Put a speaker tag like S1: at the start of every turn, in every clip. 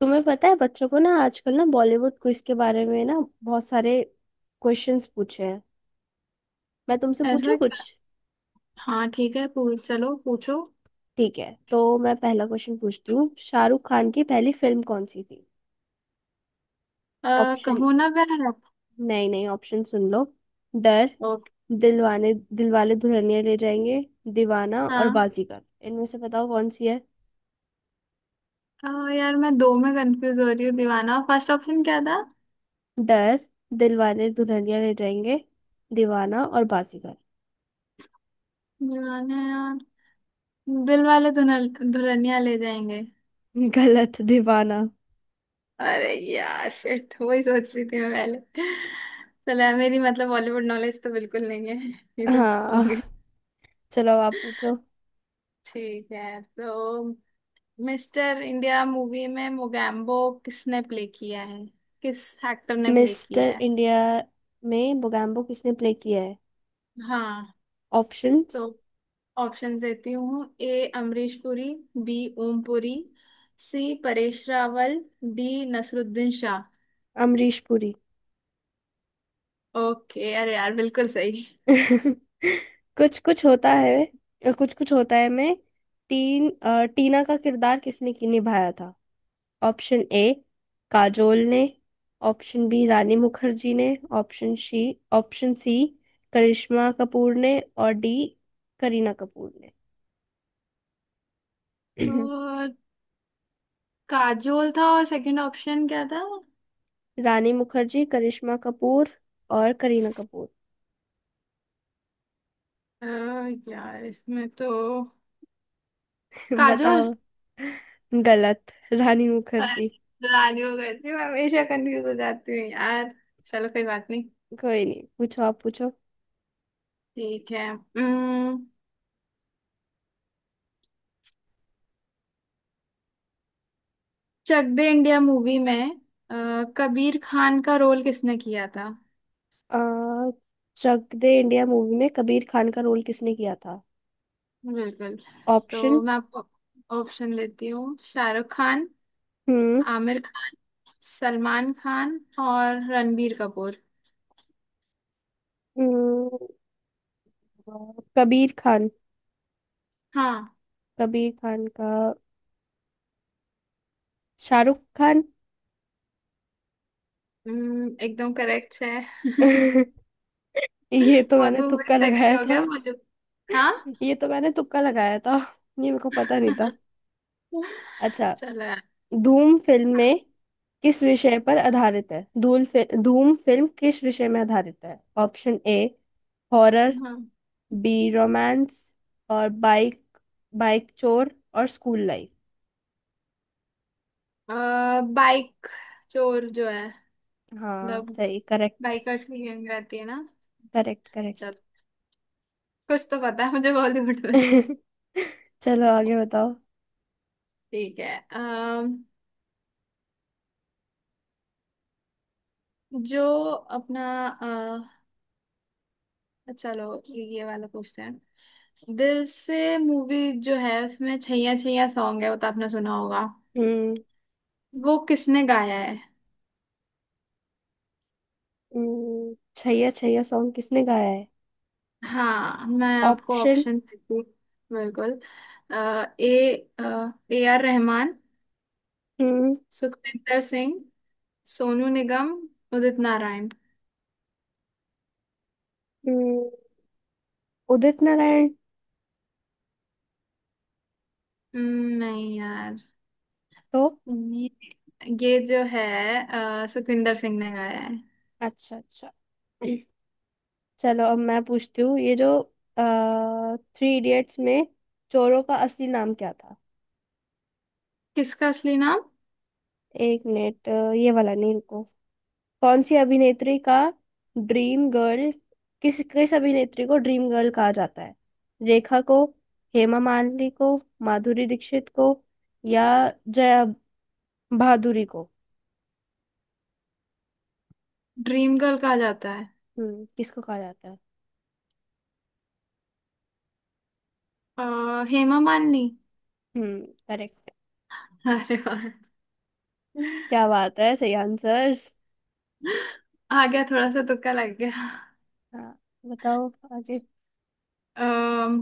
S1: तुम्हें पता है बच्चों को ना आजकल ना बॉलीवुड क्विज के बारे में ना बहुत सारे क्वेश्चंस पूछे हैं। मैं तुमसे पूछूं
S2: ऐसा।
S1: कुछ?
S2: हाँ, ठीक है। पूछ, चलो पूछो।
S1: ठीक है, तो मैं पहला क्वेश्चन पूछती हूँ। शाहरुख खान की पहली फिल्म कौन सी थी? ऑप्शन,
S2: कहो ना प्यार आप।
S1: नहीं नहीं ऑप्शन सुन लो। डर,
S2: ओके।
S1: दिलवाने दिलवाले दुल्हनिया ले जाएंगे, दीवाना और
S2: हाँ।
S1: बाजीगर। इनमें से बताओ कौन सी है?
S2: यार, मैं दो में कंफ्यूज हो रही हूँ। दीवाना? फर्स्ट ऑप्शन क्या था?
S1: डर, दिलवाने दुल्हनिया ले जाएंगे, दीवाना और बाजीगर।
S2: दीवाना यार। दिल वाले दुल्हनिया ले जाएंगे।
S1: गलत। दीवाना।
S2: अरे यार, शिट, वही सोच रही थी मैं पहले। चलो यार, मेरी मतलब बॉलीवुड नॉलेज तो बिल्कुल नहीं है। ये तो हो
S1: हाँ।
S2: गई।
S1: चलो अब आप पूछो।
S2: ठीक है, तो मिस्टर इंडिया मूवी में मोगैम्बो किसने प्ले किया है? किस एक्टर ने प्ले किया
S1: मिस्टर
S2: है?
S1: इंडिया में बोगैम्बो किसने प्ले किया है?
S2: हाँ,
S1: ऑप्शंस।
S2: तो ऑप्शन देती हूँ। A Amrish Puri, B Om Puri, C Paresh Rawal, D Naseeruddin Shah.
S1: Amrish Puri.
S2: Okay, अरे यार, बिल्कुल सही।
S1: कुछ कुछ होता है। कुछ कुछ होता है में तीन टीना का किरदार किसने की निभाया था? ऑप्शन ए काजोल ने, ऑप्शन बी रानी मुखर्जी ने, option C option C Karisma Kapoor ने, और डी करीना कपूर ने।
S2: तो काजोल था। और सेकंड ऑप्शन क्या था?
S1: रानी मुखर्जी, करिश्मा कपूर और करीना कपूर।
S2: अ, यार, इसमें तो काजोल।
S1: बताओ। गलत। रानी
S2: अरे,
S1: मुखर्जी।
S2: रानी हो गई थी। मैं हमेशा कंफ्यूज हो जाती हूँ यार। चलो, कोई बात नहीं।
S1: कोई नहीं, पूछो आप पूछो।
S2: ठीक है। चक दे इंडिया मूवी में कबीर खान का रोल किसने किया था?
S1: आ, चक दे इंडिया मूवी में कबीर खान का रोल किसने किया था?
S2: बिल्कुल।
S1: ऑप्शन।
S2: तो मैं आपको ऑप्शन देती हूँ। शाहरुख खान,
S1: हम्म।
S2: आमिर खान, सलमान खान और रणबीर कपूर।
S1: हम्म, कबीर खान,
S2: हाँ।
S1: कबीर खान का शाहरुख खान।
S2: एकदम करेक्ट है।
S1: ये तो
S2: बहुत
S1: मैंने
S2: दूर
S1: तुक्का
S2: देखते
S1: लगाया
S2: हो
S1: था।
S2: क्या, बॉलीवुड? हाँ।
S1: ये तो मैंने तुक्का लगाया था, ये मेरे को पता नहीं था। अच्छा।
S2: चलो यार।
S1: धूम फिल्म में किस विषय पर आधारित है? धूम फिल्म किस विषय में आधारित है? Option A horror, B romance, और बाइक, बाइक चोर और स्कूल लाइफ।
S2: हाँ, बाइक चोर जो है।
S1: हाँ
S2: मतलब,
S1: सही। करेक्ट
S2: बाइकर्स की गैंग रहती है ना।
S1: Correct correct.
S2: चल, कुछ तो पता है मुझे बॉलीवुड में।
S1: चलो आगे बताओ।
S2: ठीक है। जो अपना चलो, ये वाला पूछते हैं। दिल से मूवी जो है उसमें छैया छैया सॉन्ग है, वो तो आपने सुना होगा।
S1: हम्म।
S2: वो किसने गाया है?
S1: छैया छैया सॉन्ग किसने गाया है?
S2: हाँ, मैं आपको
S1: ऑप्शन।
S2: ऑप्शन देती हूँ। बिल्कुल। अ, ए ए आर रहमान,
S1: हम्म।
S2: सुखविंदर सिंह, सोनू निगम, उदित नारायण।
S1: हम्म, उदित नारायण।
S2: नहीं यार,
S1: तो
S2: ये ये जो है सुखविंदर सिंह ने गाया है।
S1: अच्छा अच्छा। चलो अब मैं पूछती हूँ ये जो थ्री इडियट्स में चोरों का असली नाम क्या था?
S2: किसका असली नाम?
S1: एक मिनट ये वाला नहीं, रुको। कौन सी अभिनेत्री का ड्रीम गर्ल, किस किस अभिनेत्री को ड्रीम गर्ल कहा जाता है? रेखा को, हेमा मालिनी को, माधुरी दीक्षित को, या जया बहादुरी को?
S2: ड्रीम गर्ल कहा जाता है?
S1: किसको कहा जाता है?
S2: हेमा मालिनी।
S1: करेक्ट।
S2: अरे वाह।
S1: क्या बात है, सही आंसर्स।
S2: आ गया, थोड़ा सा तुक्का लग गया।
S1: हाँ बताओ आगे।
S2: अम्म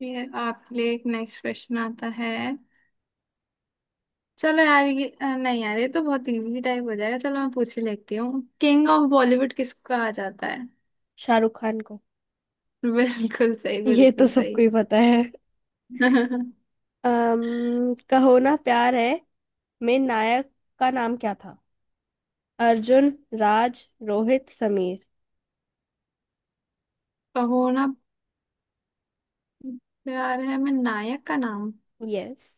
S2: फिर आपके लिए एक नेक्स्ट क्वेश्चन आता है। चलो यार, नहीं यार, ये तो बहुत इजी टाइप हो जाएगा। चलो, मैं पूछ ही लेती हूँ। किंग ऑफ बॉलीवुड किसको कहा जाता है?
S1: शाहरुख खान को।
S2: बिल्कुल सही,
S1: ये तो
S2: बिल्कुल
S1: सबको
S2: सही।
S1: ही पता है। कहो ना प्यार है में नायक का नाम क्या था? अर्जुन, राज, रोहित, समीर?
S2: कहो ना प्यार है, मैं नायक का नाम।
S1: यस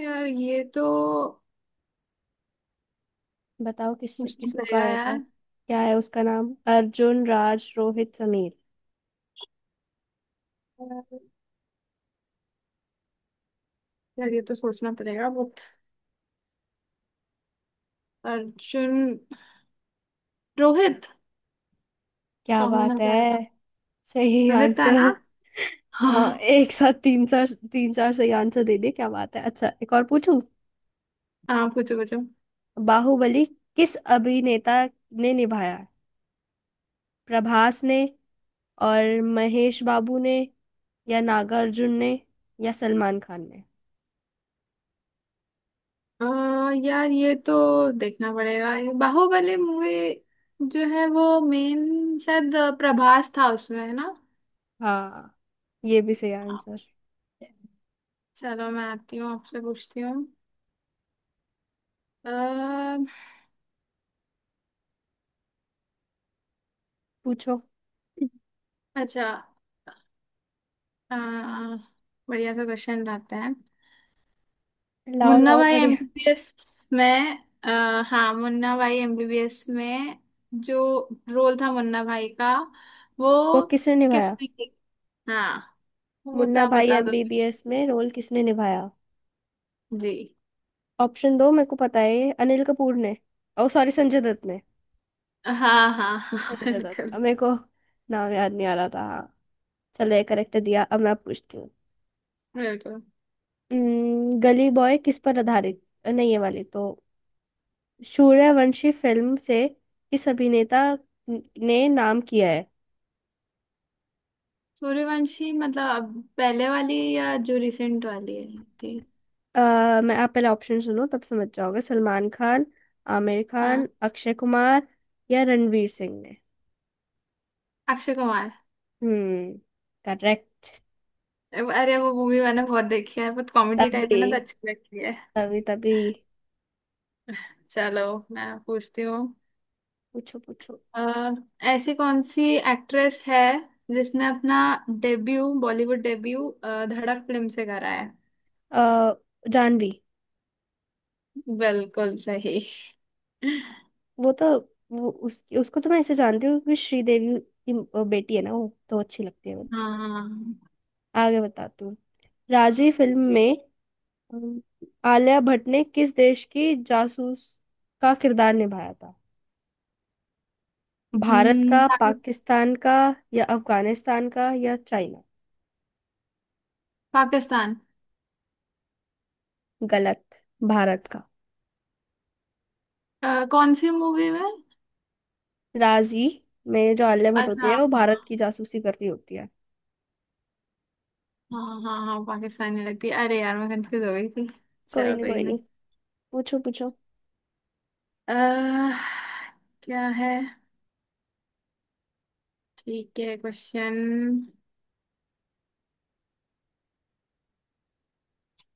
S2: यार, ये तो
S1: बताओ किस
S2: सोचना
S1: किसको कहा
S2: पड़ेगा
S1: जाता है?
S2: यार।
S1: क्या है उसका नाम? अर्जुन, राज, रोहित, समीर?
S2: अ, यार, ये तो सोचना पड़ेगा बहुत। अर्जुन, रोहित।
S1: क्या
S2: कहो ना
S1: बात है,
S2: प्यार था।
S1: सही
S2: रोहित था
S1: आंसर।
S2: ना?
S1: हाँ एक साथ तीन चार, तीन चार सही आंसर दे दिए। क्या बात है। अच्छा एक और पूछूं।
S2: हाँ, पूछो पूछो।
S1: बाहुबली किस अभिनेता ने निभाया? प्रभास ने, और महेश बाबू ने, या नागार्जुन ने, या सलमान खान ने?
S2: यार, ये तो देखना पड़ेगा। ये बाहुबली मूवी जो है वो मेन शायद प्रभास था उसमें, है ना?
S1: हाँ, ये भी सही आंसर।
S2: चलो, मैं आती हूँ आपसे पूछती हूँ। अ,
S1: पूछो,
S2: अच्छा। अ, बढ़िया सा क्वेश्चन लाते हैं।
S1: लाओ
S2: मुन्ना
S1: लाओ
S2: भाई
S1: बढ़िया।
S2: एमबीबीएस में। अ, हाँ, मुन्ना भाई एमबीबीएस में जो रोल था मुन्ना भाई का वो
S1: वो किसने निभाया?
S2: किसने किया? हाँ, वो
S1: मुन्ना
S2: बता
S1: भाई
S2: बता दो।
S1: एमबीबीएस में रोल किसने निभाया?
S2: जी।
S1: ऑप्शन दो, मेरे को पता है ये। अनिल कपूर ने, ओ सॉरी, संजय दत्त ने।
S2: हाँ, हाँ, हाँ,
S1: संजय दत्त,
S2: बिल्कुल।
S1: अब मेरे को नाम याद नहीं आ रहा था। हाँ चलो, ये करेक्ट दिया। अब मैं पूछती हूँ।
S2: बिल्कुल।
S1: गली बॉय किस पर आधारित, नहीं ये वाली तो, सूर्यवंशी फिल्म से किस अभिनेता ने नाम किया है?
S2: सूर्यवंशी मतलब, अब पहले वाली या जो रिसेंट वाली है थी?
S1: अ, मैं आप पहले ऑप्शन सुनो तब समझ जाओगे। सलमान खान, आमिर
S2: हाँ।
S1: खान, अक्षय कुमार, या रणवीर सिंह ने?
S2: अक्षय कुमार।
S1: हम्म करेक्ट।
S2: अरे, वो मूवी मैंने बहुत देखी है, बहुत कॉमेडी टाइप है
S1: तभी
S2: ना, तो अच्छी लगती है।
S1: तभी तभी।
S2: चलो, मैं पूछती हूँ।
S1: पूछो पूछो।
S2: अ, ऐसी कौन सी एक्ट्रेस है जिसने अपना debut Bollywood debut Dhadak film से करा है?
S1: आ, जानवी।
S2: बिल्कुल सही।
S1: वो तो, वो उस उसको तो मैं ऐसे जानती हूँ कि श्रीदेवी की बेटी है ना, वो तो अच्छी लगती है मेरे को।
S2: हाँ हाँ।
S1: आगे बताती हूँ। राजी फिल्म में अम, आलिया भट्ट ने किस देश की जासूस का किरदार निभाया था? भारत का,
S2: हम्म, पाकि-
S1: पाकिस्तान का, या अफगानिस्तान का, या चाइना?
S2: पाकिस्तान।
S1: गलत, भारत का।
S2: कौन सी मूवी में?
S1: राजी में जो आलिया भट्ट होती
S2: अच्छा,
S1: है वो भारत
S2: हाँ।
S1: की जासूसी कर रही होती है।
S2: हाँ, हाँ, हाँ, पाकिस्तानी लगती है। अरे यार, मैं कंफ्यूज हो गई थी।
S1: कोई
S2: चलो,
S1: नहीं
S2: कोई
S1: कोई
S2: नहीं।
S1: नहीं, पूछो पूछो।
S2: अह क्या है? ठीक है, क्वेश्चन।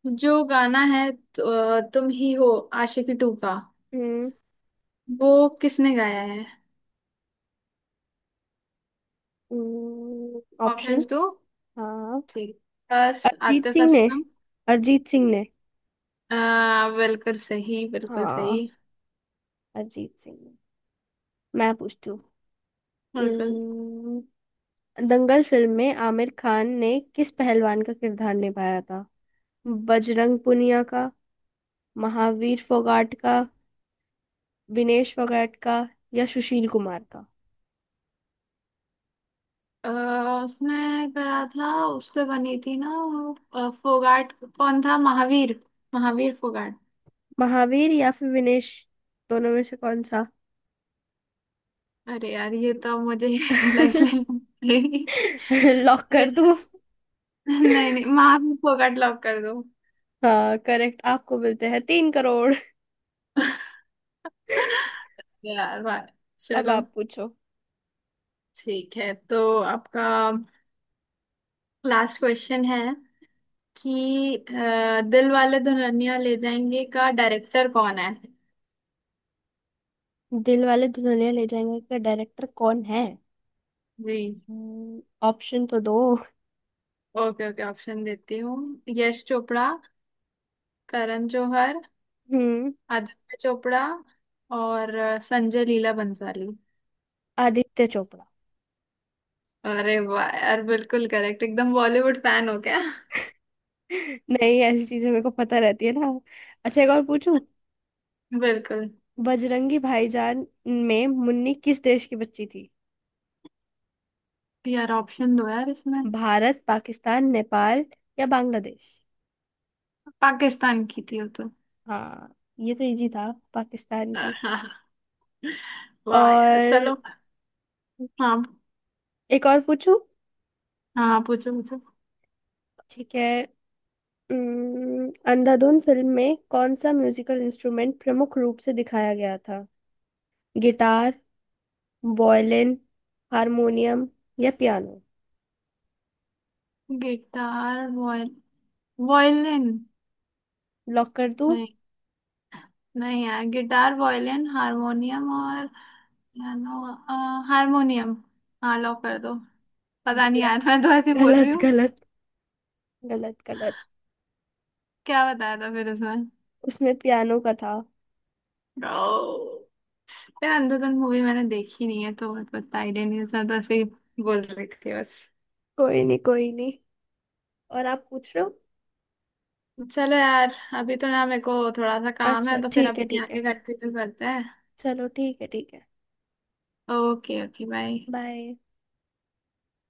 S2: जो गाना है तो, तुम ही हो आशिकी टू का।
S1: हम्म।
S2: वो किसने गाया है?
S1: ऑप्शन।
S2: ऑप्शंस दो।
S1: हाँ।
S2: ठीक। बस,
S1: अरिजीत
S2: आतिफ
S1: सिंह ने
S2: असलम।
S1: अरिजीत सिंह ने।
S2: अह बिल्कुल सही, बिल्कुल
S1: हाँ
S2: सही।
S1: अरिजीत सिंह ने। मैं पूछती हूँ।
S2: बिल्कुल।
S1: हम्म, दंगल फिल्म में आमिर खान ने किस पहलवान का किरदार निभाया था? बजरंग पुनिया का, महावीर फोगाट का, विनेश फोगाट का, या सुशील कुमार का?
S2: अह उसने करा था, उस पे बनी थी ना वो, फोगाट कौन था? महावीर? महावीर फोगाट।
S1: महावीर या फिर विनेश, दोनों में से कौन सा?
S2: अरे यार, ये तो अब मुझे लाइफ लाइन मिलेगी।
S1: लॉक
S2: अरे,
S1: कर दूँ?
S2: नहीं नहीं, माँ भी फोकट लॉक कर दो।
S1: हाँ करेक्ट, आपको मिलते हैं तीन करोड़।
S2: यार वाह,
S1: अब
S2: चलो।
S1: आप पूछो।
S2: ठीक है, तो आपका लास्ट क्वेश्चन है कि दिल वाले दुल्हनिया ले जाएंगे का डायरेक्टर कौन है?
S1: दिल वाले दुल्हनिया ले जाएंगे का डायरेक्टर कौन है?
S2: जी।
S1: ऑप्शन तो दो।
S2: ओके ओके, ऑप्शन देती हूँ। यश चोपड़ा, करण जौहर,
S1: हम्म।
S2: आदित्य चोपड़ा और संजय लीला बंसाली।
S1: आदित्य चोपड़ा।
S2: अरे वाह यार, बिल्कुल करेक्ट। एकदम बॉलीवुड फैन हो क्या?
S1: नहीं, ऐसी चीजें मेरे को पता रहती है ना। अच्छा एक और पूछूं।
S2: बिल्कुल।
S1: बजरंगी भाईजान में मुन्नी किस देश की बच्ची थी?
S2: यार, ऑप्शन दो यार इसमें।
S1: भारत, पाकिस्तान, नेपाल या बांग्लादेश?
S2: पाकिस्तान की थी वो तो।
S1: हाँ ये तो इजी था, पाकिस्तान की।
S2: वाह यार,
S1: और
S2: चलो। हाँ।
S1: एक और पूछूं?
S2: हाँ, पूछो पूछो।
S1: ठीक है। अंधाधुन फिल्म में कौन सा म्यूजिकल इंस्ट्रूमेंट प्रमुख रूप से दिखाया गया था? गिटार, वॉयलिन, हारमोनियम या पियानो?
S2: Guitar, violin.
S1: लॉक कर दूं?
S2: नहीं नहीं यार, गिटार, वॉयलिन, हारमोनियम और पियानो। हारमोनियम। हाँ, लॉक कर दो। पता नहीं
S1: गलत
S2: यार, मैं तो ऐसे बोल रही
S1: गलत
S2: हूँ।
S1: गलत गलत गलत
S2: क्या बताया था फिर उसमें?
S1: उसमें पियानो का था।
S2: ओ, यार, अंधाधुन मूवी मैंने देखी नहीं है तो बहुत पता आइडिया नहीं था, तो ऐसे ही बोल रही थी बस।
S1: कोई नहीं कोई नहीं। और आप पूछ रहे हो?
S2: चलो यार, अभी तो ना मेरे को थोड़ा सा काम
S1: अच्छा
S2: है, तो फिर
S1: ठीक है
S2: अपनी
S1: ठीक है।
S2: आगे कंटिन्यू करते हैं।
S1: चलो ठीक है ठीक है।
S2: Okay okay, bye.
S1: बाय।